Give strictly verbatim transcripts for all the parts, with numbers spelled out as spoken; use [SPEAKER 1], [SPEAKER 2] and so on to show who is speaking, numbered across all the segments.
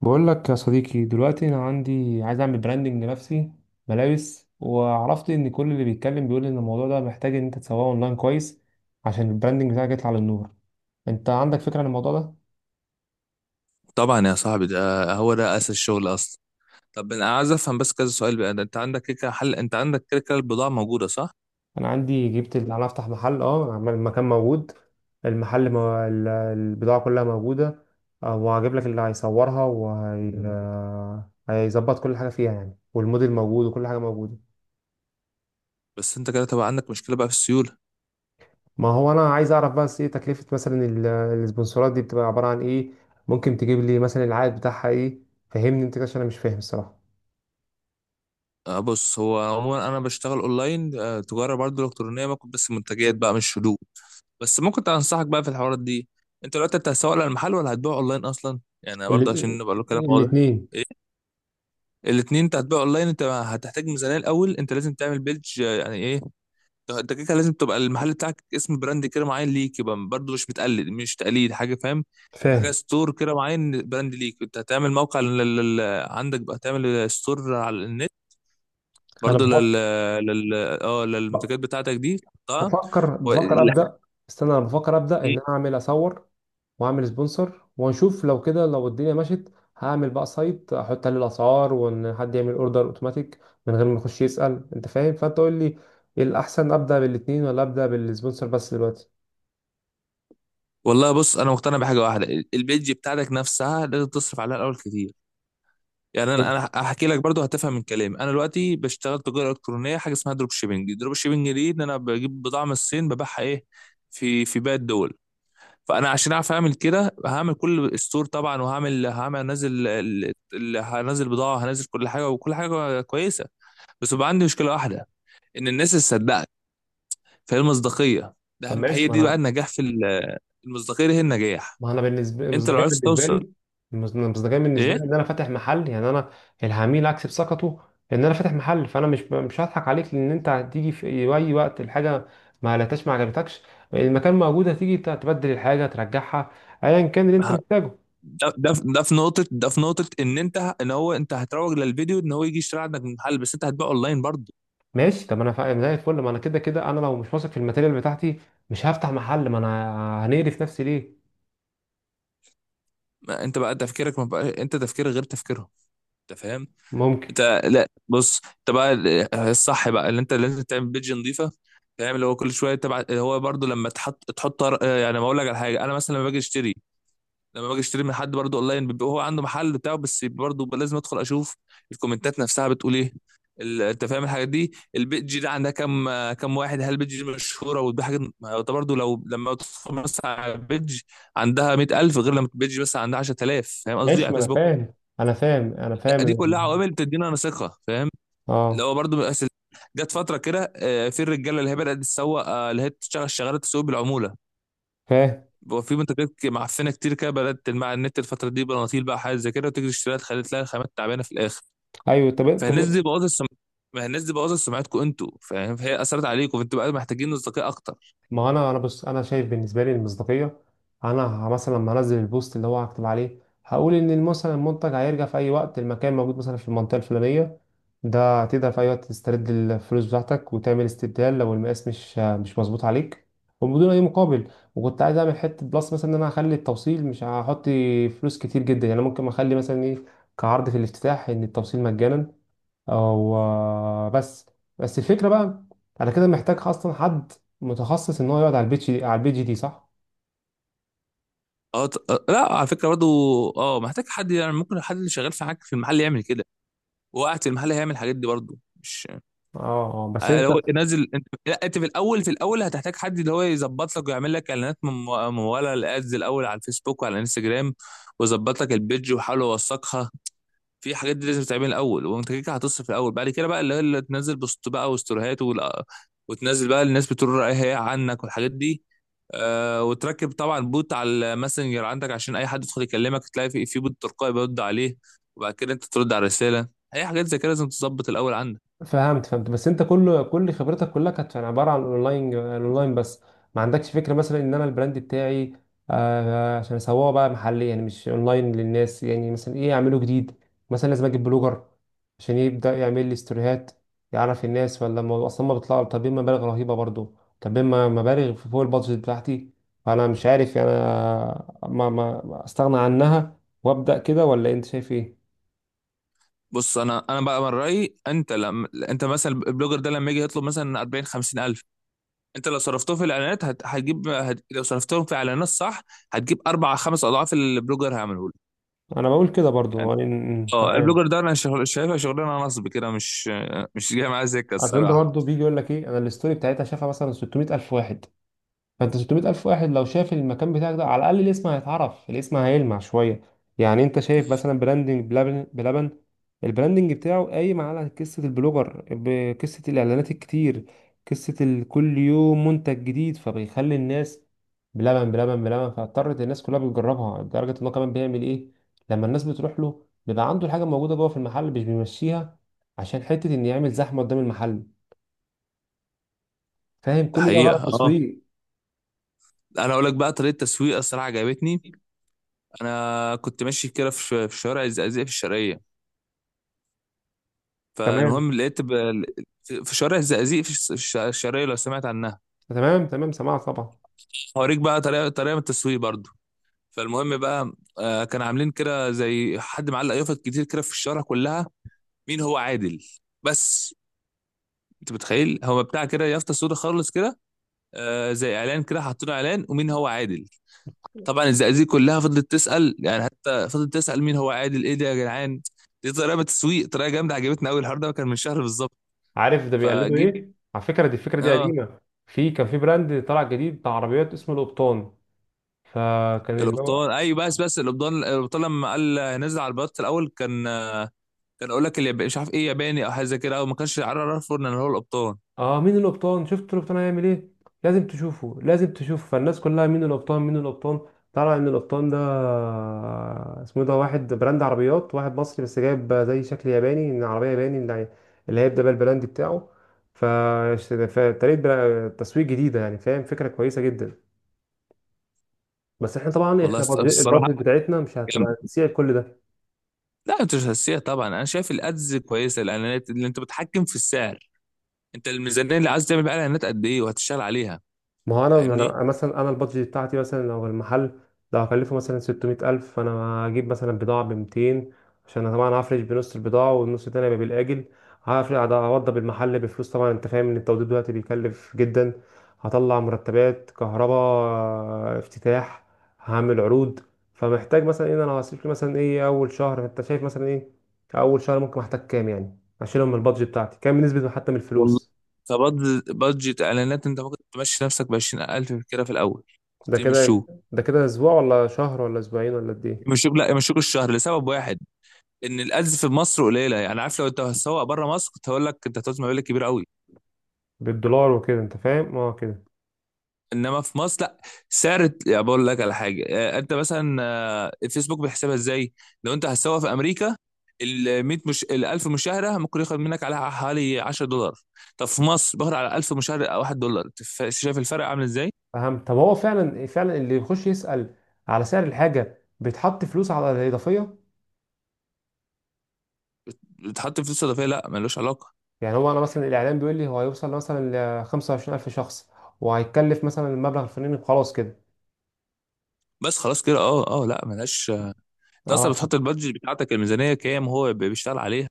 [SPEAKER 1] بقول لك يا صديقي دلوقتي انا عندي عايز اعمل براندنج لنفسي، ملابس. وعرفت ان كل اللي بيتكلم بيقول ان الموضوع ده محتاج ان انت تسوقه اونلاين كويس عشان البراندنج بتاعك يطلع للنور. انت عندك فكرة عن الموضوع ده؟
[SPEAKER 2] طبعا يا صاحبي، ده هو ده اساس الشغل اصلا. طب انا عايز افهم بس كذا سؤال بقى. ده انت عندك كده كده حل، انت عندك كده كده البضاعه موجوده صح؟
[SPEAKER 1] انا عندي جبت اللي انا افتح محل، اه عمال- المكان موجود. المحل مو... ال- البضاعة كلها موجودة. آه، وهجيب لك اللي هيصورها وهيظبط كل حاجة فيها يعني، والموديل موجود وكل حاجة موجودة.
[SPEAKER 2] بس انت كده تبقى عندك مشكله بقى في السيوله.
[SPEAKER 1] ما هو انا عايز اعرف بس ايه تكلفة مثلا ال- السبونسرات دي، بتبقى عبارة عن ايه؟ ممكن تجيب لي مثلا العائد بتاعها ايه؟ فهمني انت كده عشان انا مش فاهم الصراحة.
[SPEAKER 2] آه بص، هو عموما انا بشتغل اونلاين، آه، تجاره برضه الكترونيه، ممكن بس منتجات بقى مش حدود. بس ممكن انصحك بقى في الحوارات دي. انت دلوقتي انت هتسوق للمحل ولا هتبيع اونلاين اصلا؟ يعني برضه عشان
[SPEAKER 1] ال-
[SPEAKER 2] نبقى له كلام واضح.
[SPEAKER 1] الاتنين.
[SPEAKER 2] الاثنين؟ انت هتبيع اونلاين، انت هتحتاج ميزانيه الاول. انت لازم تعمل بيدج، آه، يعني ايه؟ انت كده كده لازم تبقى المحل بتاعك اسم براند كده معين ليك، يبقى برضه مش متقلد، مش تقليد حاجه، فاهم؟ يبقى حاجه
[SPEAKER 1] فاهم.
[SPEAKER 2] ستور كده معين، براند ليك. انت هتعمل موقع لل... لل... عندك بقى، تعمل ستور على النت،
[SPEAKER 1] انا
[SPEAKER 2] برضه
[SPEAKER 1] بفكر،
[SPEAKER 2] لل لل اه للمنتجات بتاعتك دي تحطها.
[SPEAKER 1] بفكر
[SPEAKER 2] و...
[SPEAKER 1] بفكر ابدا. استنى، انا بفكر ابدا ان انا اعمل اصور واعمل سبونسر، ونشوف لو كده لو الدنيا مشت هعمل بقى سايت احط عليه الاسعار، وان حد يعمل اوردر اوتوماتيك من غير ما يخش يسأل. انت فاهم؟ فانت قول لي ايه الاحسن، ابدا بالاتنين ولا ابدا بالسبونسر بس دلوقتي؟
[SPEAKER 2] والله بص، انا مقتنع بحاجه واحده. البيج بتاعتك نفسها لازم تصرف عليها الاول كتير. يعني انا انا هحكي لك برضو هتفهم من كلامي. انا دلوقتي بشتغل تجاره الكترونيه حاجه اسمها دروب شيبنج. دروب شيبنج دي ان انا بجيب بضاعه من الصين ببيعها ايه، في في باقي الدول. فانا عشان اعرف اعمل كده هعمل كل ستور طبعا، وهعمل هعمل هنزل ال- ال- هنزل بضاعه، هنزل كل حاجه وكل حاجه كويسه. بس بقى عندي مشكله واحده، ان الناس تصدقك. فهي المصداقيه. ده
[SPEAKER 1] طب
[SPEAKER 2] أهم- هي
[SPEAKER 1] ماشي. ما
[SPEAKER 2] دي بقى
[SPEAKER 1] انا
[SPEAKER 2] النجاح في ال- المصداقيه دي هي النجاح.
[SPEAKER 1] ما انا بالنسبه
[SPEAKER 2] انت لو
[SPEAKER 1] المصداقيه
[SPEAKER 2] عرفت
[SPEAKER 1] بالنسبه
[SPEAKER 2] توصل
[SPEAKER 1] لي، المص- المصداقيه بالنسبه
[SPEAKER 2] ايه،
[SPEAKER 1] لي ان انا فاتح محل، يعني انا العميل اكسب ثقته ان انا فاتح محل، فانا مش مش هضحك عليك، لان انت هتيجي في اي وقت الحاجه ما قلتهاش، ما عجبتكش، المكان موجود، هتيجي ت- تبدل الحاجه، ترجعها، ايا كان اللي انت محتاجه.
[SPEAKER 2] ده ده في ده في نقطة ده في نقطة إن أنت ه- إن هو أنت هتروج للفيديو، إن هو يجي يشتري عندك من محل، بس أنت هتبيع أونلاين برضه.
[SPEAKER 1] ماشي طب انا فا- زي الفل. ما انا كده كده انا لو مش واثق في الماتيريال بتاعتي مش هفتح محل، ما انا هنقرف نفسي ليه؟
[SPEAKER 2] ما أنت بقى تفكيرك، ما بقى أنت تفكيرك غير تفكيرهم. أنت فاهم؟
[SPEAKER 1] ممكن.
[SPEAKER 2] أنت لا بص، أنت بقى ال- الصح بقى اللي أنت لازم تعمل بيدج نظيفة، فاهم؟ اللي هو كل شوية تبع، هو برضه لما تحط تحط طر- يعني ما أقول لك على حاجة. أنا مثلا لما باجي أشتري لما باجي اشتري من حد برضه اونلاين، بيبقى هو عنده محل بتاعه، بس برضه لازم ادخل اشوف الكومنتات نفسها بتقول ايه. ال- انت فاهم الحاجات دي، البيج دي عندها كام كام واحد، هل البيج دي مشهوره وده حاجه. ما هو ده برضه لو لما تدخل مثلا على البيج عندها مية الف، غير لما البيج مثلا عندها عشر تلاف، فاهم قصدي،
[SPEAKER 1] ماشي
[SPEAKER 2] على
[SPEAKER 1] ما انا
[SPEAKER 2] فيسبوك.
[SPEAKER 1] فاهم انا فاهم انا
[SPEAKER 2] لا
[SPEAKER 1] فاهم.
[SPEAKER 2] دي كلها عوامل بتدينا انا ثقه، فاهم.
[SPEAKER 1] اه.
[SPEAKER 2] لو برضه من الأساس- جت فتره كده، آه، في الرجاله اللي هي بدات تسوق، آه، اللي هي بتشتغل شغاله تسوق بالعموله.
[SPEAKER 1] فاهم.
[SPEAKER 2] بقى في منتجات ك- معفنه كتير كده بدات تلمع على النت الفتره دي، بناطيل بقى حاجات زي كده، وتجري تشتريها تخلي تلاقي الخامات تعبانه في الاخر.
[SPEAKER 1] ايوه. طب
[SPEAKER 2] فالناس دي
[SPEAKER 1] طب
[SPEAKER 2] بوظت السم... ما الناس دي بوظت سمعتكم انتوا، فاهم؟ فهي اثرت عليكم، فانتوا بقى محتاجين اصدقاء اكتر.
[SPEAKER 1] ما هو انا انا بص، انا شايف بالنسبه لي المصداقيه، انا مثلا لما انزل البوست اللي هو هكتب عليه، هقول ان مثلا المنتج هيرجع في اي وقت، المكان موجود مثلا في المنطقه الفلانيه، ده تقدر في اي وقت تسترد الفلوس بتاعتك وتعمل استبدال لو المقاس مش مش مظبوط عليك، وبدون اي مقابل. وكنت عايز اعمل حته بلس مثلا ان انا هخلي التوصيل، مش هحط فلوس كتير جدا، يعني ممكن اخلي مثلا ايه، كعرض في الافتتاح ان التوصيل مجانا او بس. بس الفكره بقى انا كده محتاج اصلا حد متخصص ان هو يقعد على البيتش دي، على البيتش دي، صح؟
[SPEAKER 2] اه ط- آه، لا، على فكره برضو، اه، محتاج حد. يعني ممكن حد اللي شغال في حاجه في المحل يعمل كده، وقاعد في المحل هيعمل الحاجات دي برضو، مش
[SPEAKER 1] اه. آه، بس
[SPEAKER 2] آه،
[SPEAKER 1] انت،
[SPEAKER 2] لو نازل انت. لا انت في الاول، في الاول هتحتاج حد اللي هو يظبط لك ويعمل لك اعلانات مم- مموله، الادز الاول على الفيسبوك وعلى الانستجرام، ويظبط لك البيج ويحاول يوثقها. في حاجات دي لازم تعملها الاول، وانت كده كده هتصرف الاول. بعد كده بقى اللي هي اللي تنزل بوست بقى وستوريهات ولا- وتنزل بقى، الناس بتقول رايها ايه عنك والحاجات دي. آه، وتركب طبعا بوت على الماسنجر عندك، عشان اي حد يدخل يكلمك تلاقي في في بوت تلقائي بيرد عليه، وبعد كده انت ترد على الرساله. اي حاجات زي كده لازم تظبط الاول عندك.
[SPEAKER 1] فهمت فهمت. بس انت كل كل خبرتك كلها كانت يعني عباره عن الاونلاين، الاونلاين بس. ما عندكش فكره مثلا ان انا البراند بتاعي آه عشان اسوقه بقى محلي، يعني مش اونلاين، للناس يعني مثلا ايه اعمله جديد؟ مثلا لازم اجيب بلوجر عشان يبدا يعمل لي ستوريهات يعرف الناس؟ ولا الموضوع اصلا ما بيطلع؟ طالبين مبالغ رهيبه برضو، طالبين م- مبالغ في فوق البادجت بتاعتي، فانا مش عارف يعني انا ما ما ما استغنى عنها وابدا كده، ولا انت شايف ايه؟
[SPEAKER 2] بص، انا انا بقى من رايي، انت لما انت مثلا البلوجر ده لما يجي يطلب مثلا اربعين 50 الف، انت لو صرفتهم في الاعلانات هت... هتجيب، هت... لو صرفتهم في اعلانات صح، هتجيب اربع خمس اضعاف اللي البلوجر هيعمله لك.
[SPEAKER 1] انا بقول كده برضو
[SPEAKER 2] يعني
[SPEAKER 1] يعني م- م-
[SPEAKER 2] اه،
[SPEAKER 1] تمام.
[SPEAKER 2] البلوجر ده انا شغل شايفها شغلانه نصب كده، مش مش جايه معايا سكه
[SPEAKER 1] عشان انت
[SPEAKER 2] الصراحه.
[SPEAKER 1] برضه بيجي يقول لك ايه، انا الستوري بتاعتها شافها مثلا ستمئة الف واحد، فانت ستمئة الف واحد لو شاف المكان بتاعك ده، على الاقل الاسم هيتعرف، الاسم هيلمع شويه. يعني انت شايف مثلا براندنج بلبن، بلبن البراندنج بتاعه قايم على قصه البلوجر، بقصه الاعلانات الكتير، قصه ال- كل يوم منتج جديد، فبيخلي الناس بلبن بلبن بلبن، فاضطرت الناس كلها بتجربها. لدرجه ان هو كمان بيعمل ايه، لما الناس بتروح له بيبقى عنده الحاجه موجوده جوه في المحل مش بيمشيها عشان حته ان يعمل زحمه قدام المحل. فاهم؟
[SPEAKER 2] ده
[SPEAKER 1] كل ده غلط
[SPEAKER 2] حقيقه اه.
[SPEAKER 1] تسويق.
[SPEAKER 2] انا اقول لك بقى طريقه تسويق الصراحه عجبتني. انا كنت ماشي كده في في شوارع الزقازيق في الشرقيه،
[SPEAKER 1] تمام
[SPEAKER 2] فالمهم لقيت ب- في شوارع الزقازيق في الش- الش- الشرقيه، لو سمعت عنها.
[SPEAKER 1] تمام. تمام، سمعت طبعا.
[SPEAKER 2] هوريك بقى طريقه، طريقه من التسويق برضو. فالمهم بقى، آه، كان عاملين كده زي حد معلق يافط كتير كده في الشارع كلها: مين هو عادل؟ بس. انت متخيل، هو بتاع كده يافطه سودا خالص كده، آه، زي اعلان كده، حطوا له اعلان: ومين هو عادل؟ طبعا الزقازيق كلها فضلت تسال، يعني حتى فضلت تسال مين هو عادل، ايه ده يا جدعان. دي طريقه من التسويق، طريقه جامده عجبتني قوي. الحوار ده كان من شهر بالظبط.
[SPEAKER 1] عارف ده بيقلدوا
[SPEAKER 2] فجيت
[SPEAKER 1] ايه على فكره؟ دي الفكره دي
[SPEAKER 2] اه،
[SPEAKER 1] قديمه. في كان في براند طلع جديد بتاع عربيات اسمه القبطان، فكان اللي هو
[SPEAKER 2] الابطال ايوه. بس بس الابطال، الابطال لما قال نزل على البلاط في الاول، كان كان اقول لك الياباني مش عارف ايه، ياباني او حاجه زي كده، او ما كانش عارف ان هو الابطال.
[SPEAKER 1] اه، مين القبطان؟ شفت القبطان هيعمل ايه؟ لازم تشوفه، لازم تشوفه. فالناس كلها مين القبطان، مين القبطان؟ طلع ان القبطان ده اسمه إيه، ده واحد براند عربيات، واحد مصري بس جايب زي شكل ياباني من عربيه ياباني، اللي اللي هيبدأ بقى البراند بتاعه. ف، فطريقه برا- تسويق جديده يعني، فاهم، فكره كويسه جدا. بس احنا طبعا
[SPEAKER 2] والله
[SPEAKER 1] احنا
[SPEAKER 2] است-
[SPEAKER 1] بادج-
[SPEAKER 2] الصراحه
[SPEAKER 1] البادجت بتاعتنا مش
[SPEAKER 2] جامده.
[SPEAKER 1] هتبقى تسيع كل ده.
[SPEAKER 2] لا انت مش هتسيها طبعا، انا شايف الادز كويسه، الاعلانات اللي انت بتحكم في السعر. انت الميزانيه اللي عايز تعمل بقى اعلانات قد ايه وهتشتغل عليها،
[SPEAKER 1] ما هو انا انا
[SPEAKER 2] فاهمني؟
[SPEAKER 1] أنا مثلا انا البادجت بتاعتي مثلا، لو المحل لو هكلفه مثلا ستمئة الف، فانا هجيب مثلا بضاعه ب ميتين، عشان أنا طبعا هفرش بنص البضاعه والنص التاني هيبقى بالاجل. هفرش، هوضب المحل بفلوس طبعا، انت فاهم ان التوضيب دلوقتي بيكلف جدا. هطلع مرتبات، كهرباء، افتتاح، هعمل عروض. فمحتاج مثلا ان انا هصرف لي مثلا ايه اول شهر؟ انت شايف مثلا ايه اول شهر؟ ممكن احتاج كام يعني اشيلهم من البادجت بتاعتي، كام بالنسبه حتى من
[SPEAKER 2] والله
[SPEAKER 1] الفلوس؟
[SPEAKER 2] كبادجت اعلانات انت ممكن تمشي نفسك ب عشرين الف كده في الاول.
[SPEAKER 1] ده كده،
[SPEAKER 2] يمشوه،
[SPEAKER 1] ده كده اسبوع ولا شهر ولا اسبوعين ولا قد ايه؟
[SPEAKER 2] يمشوك. لا يمشوك الشهر لسبب واحد، ان الادز في مصر قليله. يعني عارف، لو انت هتسوق بره مصر كنت هقول لك انت هتعوز مبالغ كبيره قوي.
[SPEAKER 1] بالدولار وكده انت فاهم، اه كده.
[SPEAKER 2] انما في مصر لا. سعر يعني، بقول لك على حاجه، آه، انت مثلا، آه، الفيسبوك بيحسبها ازاي؟ لو انت هتسوق في امريكا، ال ميه مش ال الف مشاهده، ممكن ياخد منك على حوالي عشرة دولار. طب في مصر باخد على الف مشاهده دولار واحد. أنت شايف الفرق عامل ازاي؟
[SPEAKER 1] اهم. طب هو فعلا فعلا اللي يخش يسأل على سعر الحاجة بيتحط فلوس على الإضافية؟
[SPEAKER 2] بتحط فلوس اضافيه؟ لا، ملوش علاقه.
[SPEAKER 1] يعني هو انا مثلا الاعلان بيقول لي هو هيوصل مثلا ل خمسة وعشرين الف شخص، وهيتكلف مثلا المبلغ الفلاني، خلاص كده؟
[SPEAKER 2] بس خلاص كده، اه اه، لا ملهاش. انت اصلا
[SPEAKER 1] اه
[SPEAKER 2] بتحط البادجت بتاعتك الميزانيه كام، هو بي- بيشتغل عليها.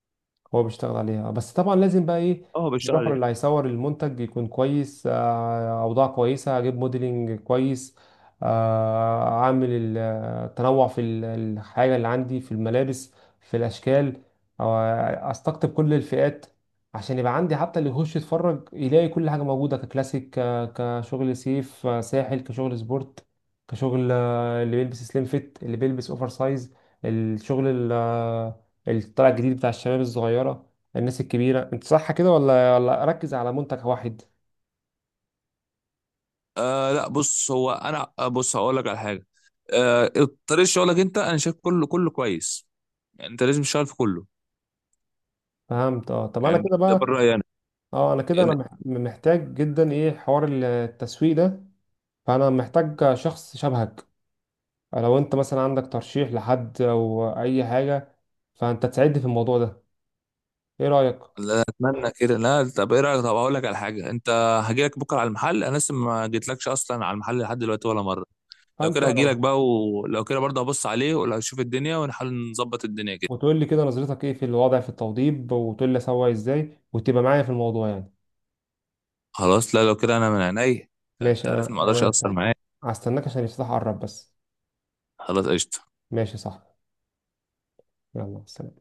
[SPEAKER 1] هو بيشتغل عليها، بس طبعا لازم بقى ايه،
[SPEAKER 2] اه هو بيشتغل
[SPEAKER 1] الفوتوغرافر
[SPEAKER 2] عليها.
[SPEAKER 1] اللي هيصور المنتج يكون كويس، آه، اوضاع كويسه، هجيب موديلنج كويس، آه، اعمل ال- التنوع في ال- الحاجه اللي عندي في الملابس، في الاشكال. آه، استقطب كل الفئات عشان يبقى عندي حتى اللي يخش يتفرج يلاقي كل حاجه موجوده، ككلاسيك، ك- كشغل سيف، آه، ساحل، كشغل سبورت، كشغل آه، اللي بيلبس سليم فيت، اللي بيلبس اوفر سايز. الشغل الطلع الجديد بتاع الشباب الصغيرة، الناس الكبيرة. انت صح كده؟ ولا ولا اركز على منتج واحد؟
[SPEAKER 2] آه لا بص، هو انا، آه، بص هقول لك على حاجه. آه، طريقه شغلك انت، انا شايف كله كله كويس. يعني انت لازم تشتغل في كله،
[SPEAKER 1] فهمت. اه طب انا
[SPEAKER 2] يعني
[SPEAKER 1] كده
[SPEAKER 2] ده
[SPEAKER 1] بقى،
[SPEAKER 2] بالراي انا،
[SPEAKER 1] اه انا كده انا
[SPEAKER 2] يعني.
[SPEAKER 1] مح- محتاج جدا ايه، حوار التسويق ده. فانا محتاج شخص شبهك، لو انت مثلا عندك ترشيح لحد او اي حاجة، فانت تساعدني في الموضوع ده. ايه رأيك؟
[SPEAKER 2] لا اتمنى كده. لا، طب ايه رايك، طب هقول لك على حاجه انت. هجيلك بكره على المحل، انا لسه ما جيتلكش اصلا على المحل لحد دلوقتي ولا مره. لو
[SPEAKER 1] فانت
[SPEAKER 2] كده هجيلك
[SPEAKER 1] اه،
[SPEAKER 2] بقى، ولو كده برضه هبص عليه، ولو اشوف الدنيا ونحاول نظبط الدنيا كده.
[SPEAKER 1] وتقول لي كده نظرتك ايه في الوضع، في التوضيب، وتقول لي اسوي ازاي، وتبقى معايا في الموضوع يعني.
[SPEAKER 2] خلاص، لا لو كده انا من عينيا. انت
[SPEAKER 1] ماشي،
[SPEAKER 2] عارفني ما
[SPEAKER 1] انا
[SPEAKER 2] اقدرش
[SPEAKER 1] انا
[SPEAKER 2] اقصر معاك.
[SPEAKER 1] هستناك عشان يفتح قرب بس.
[SPEAKER 2] خلاص قشطه.
[SPEAKER 1] ماشي، صح. يلا، سلام.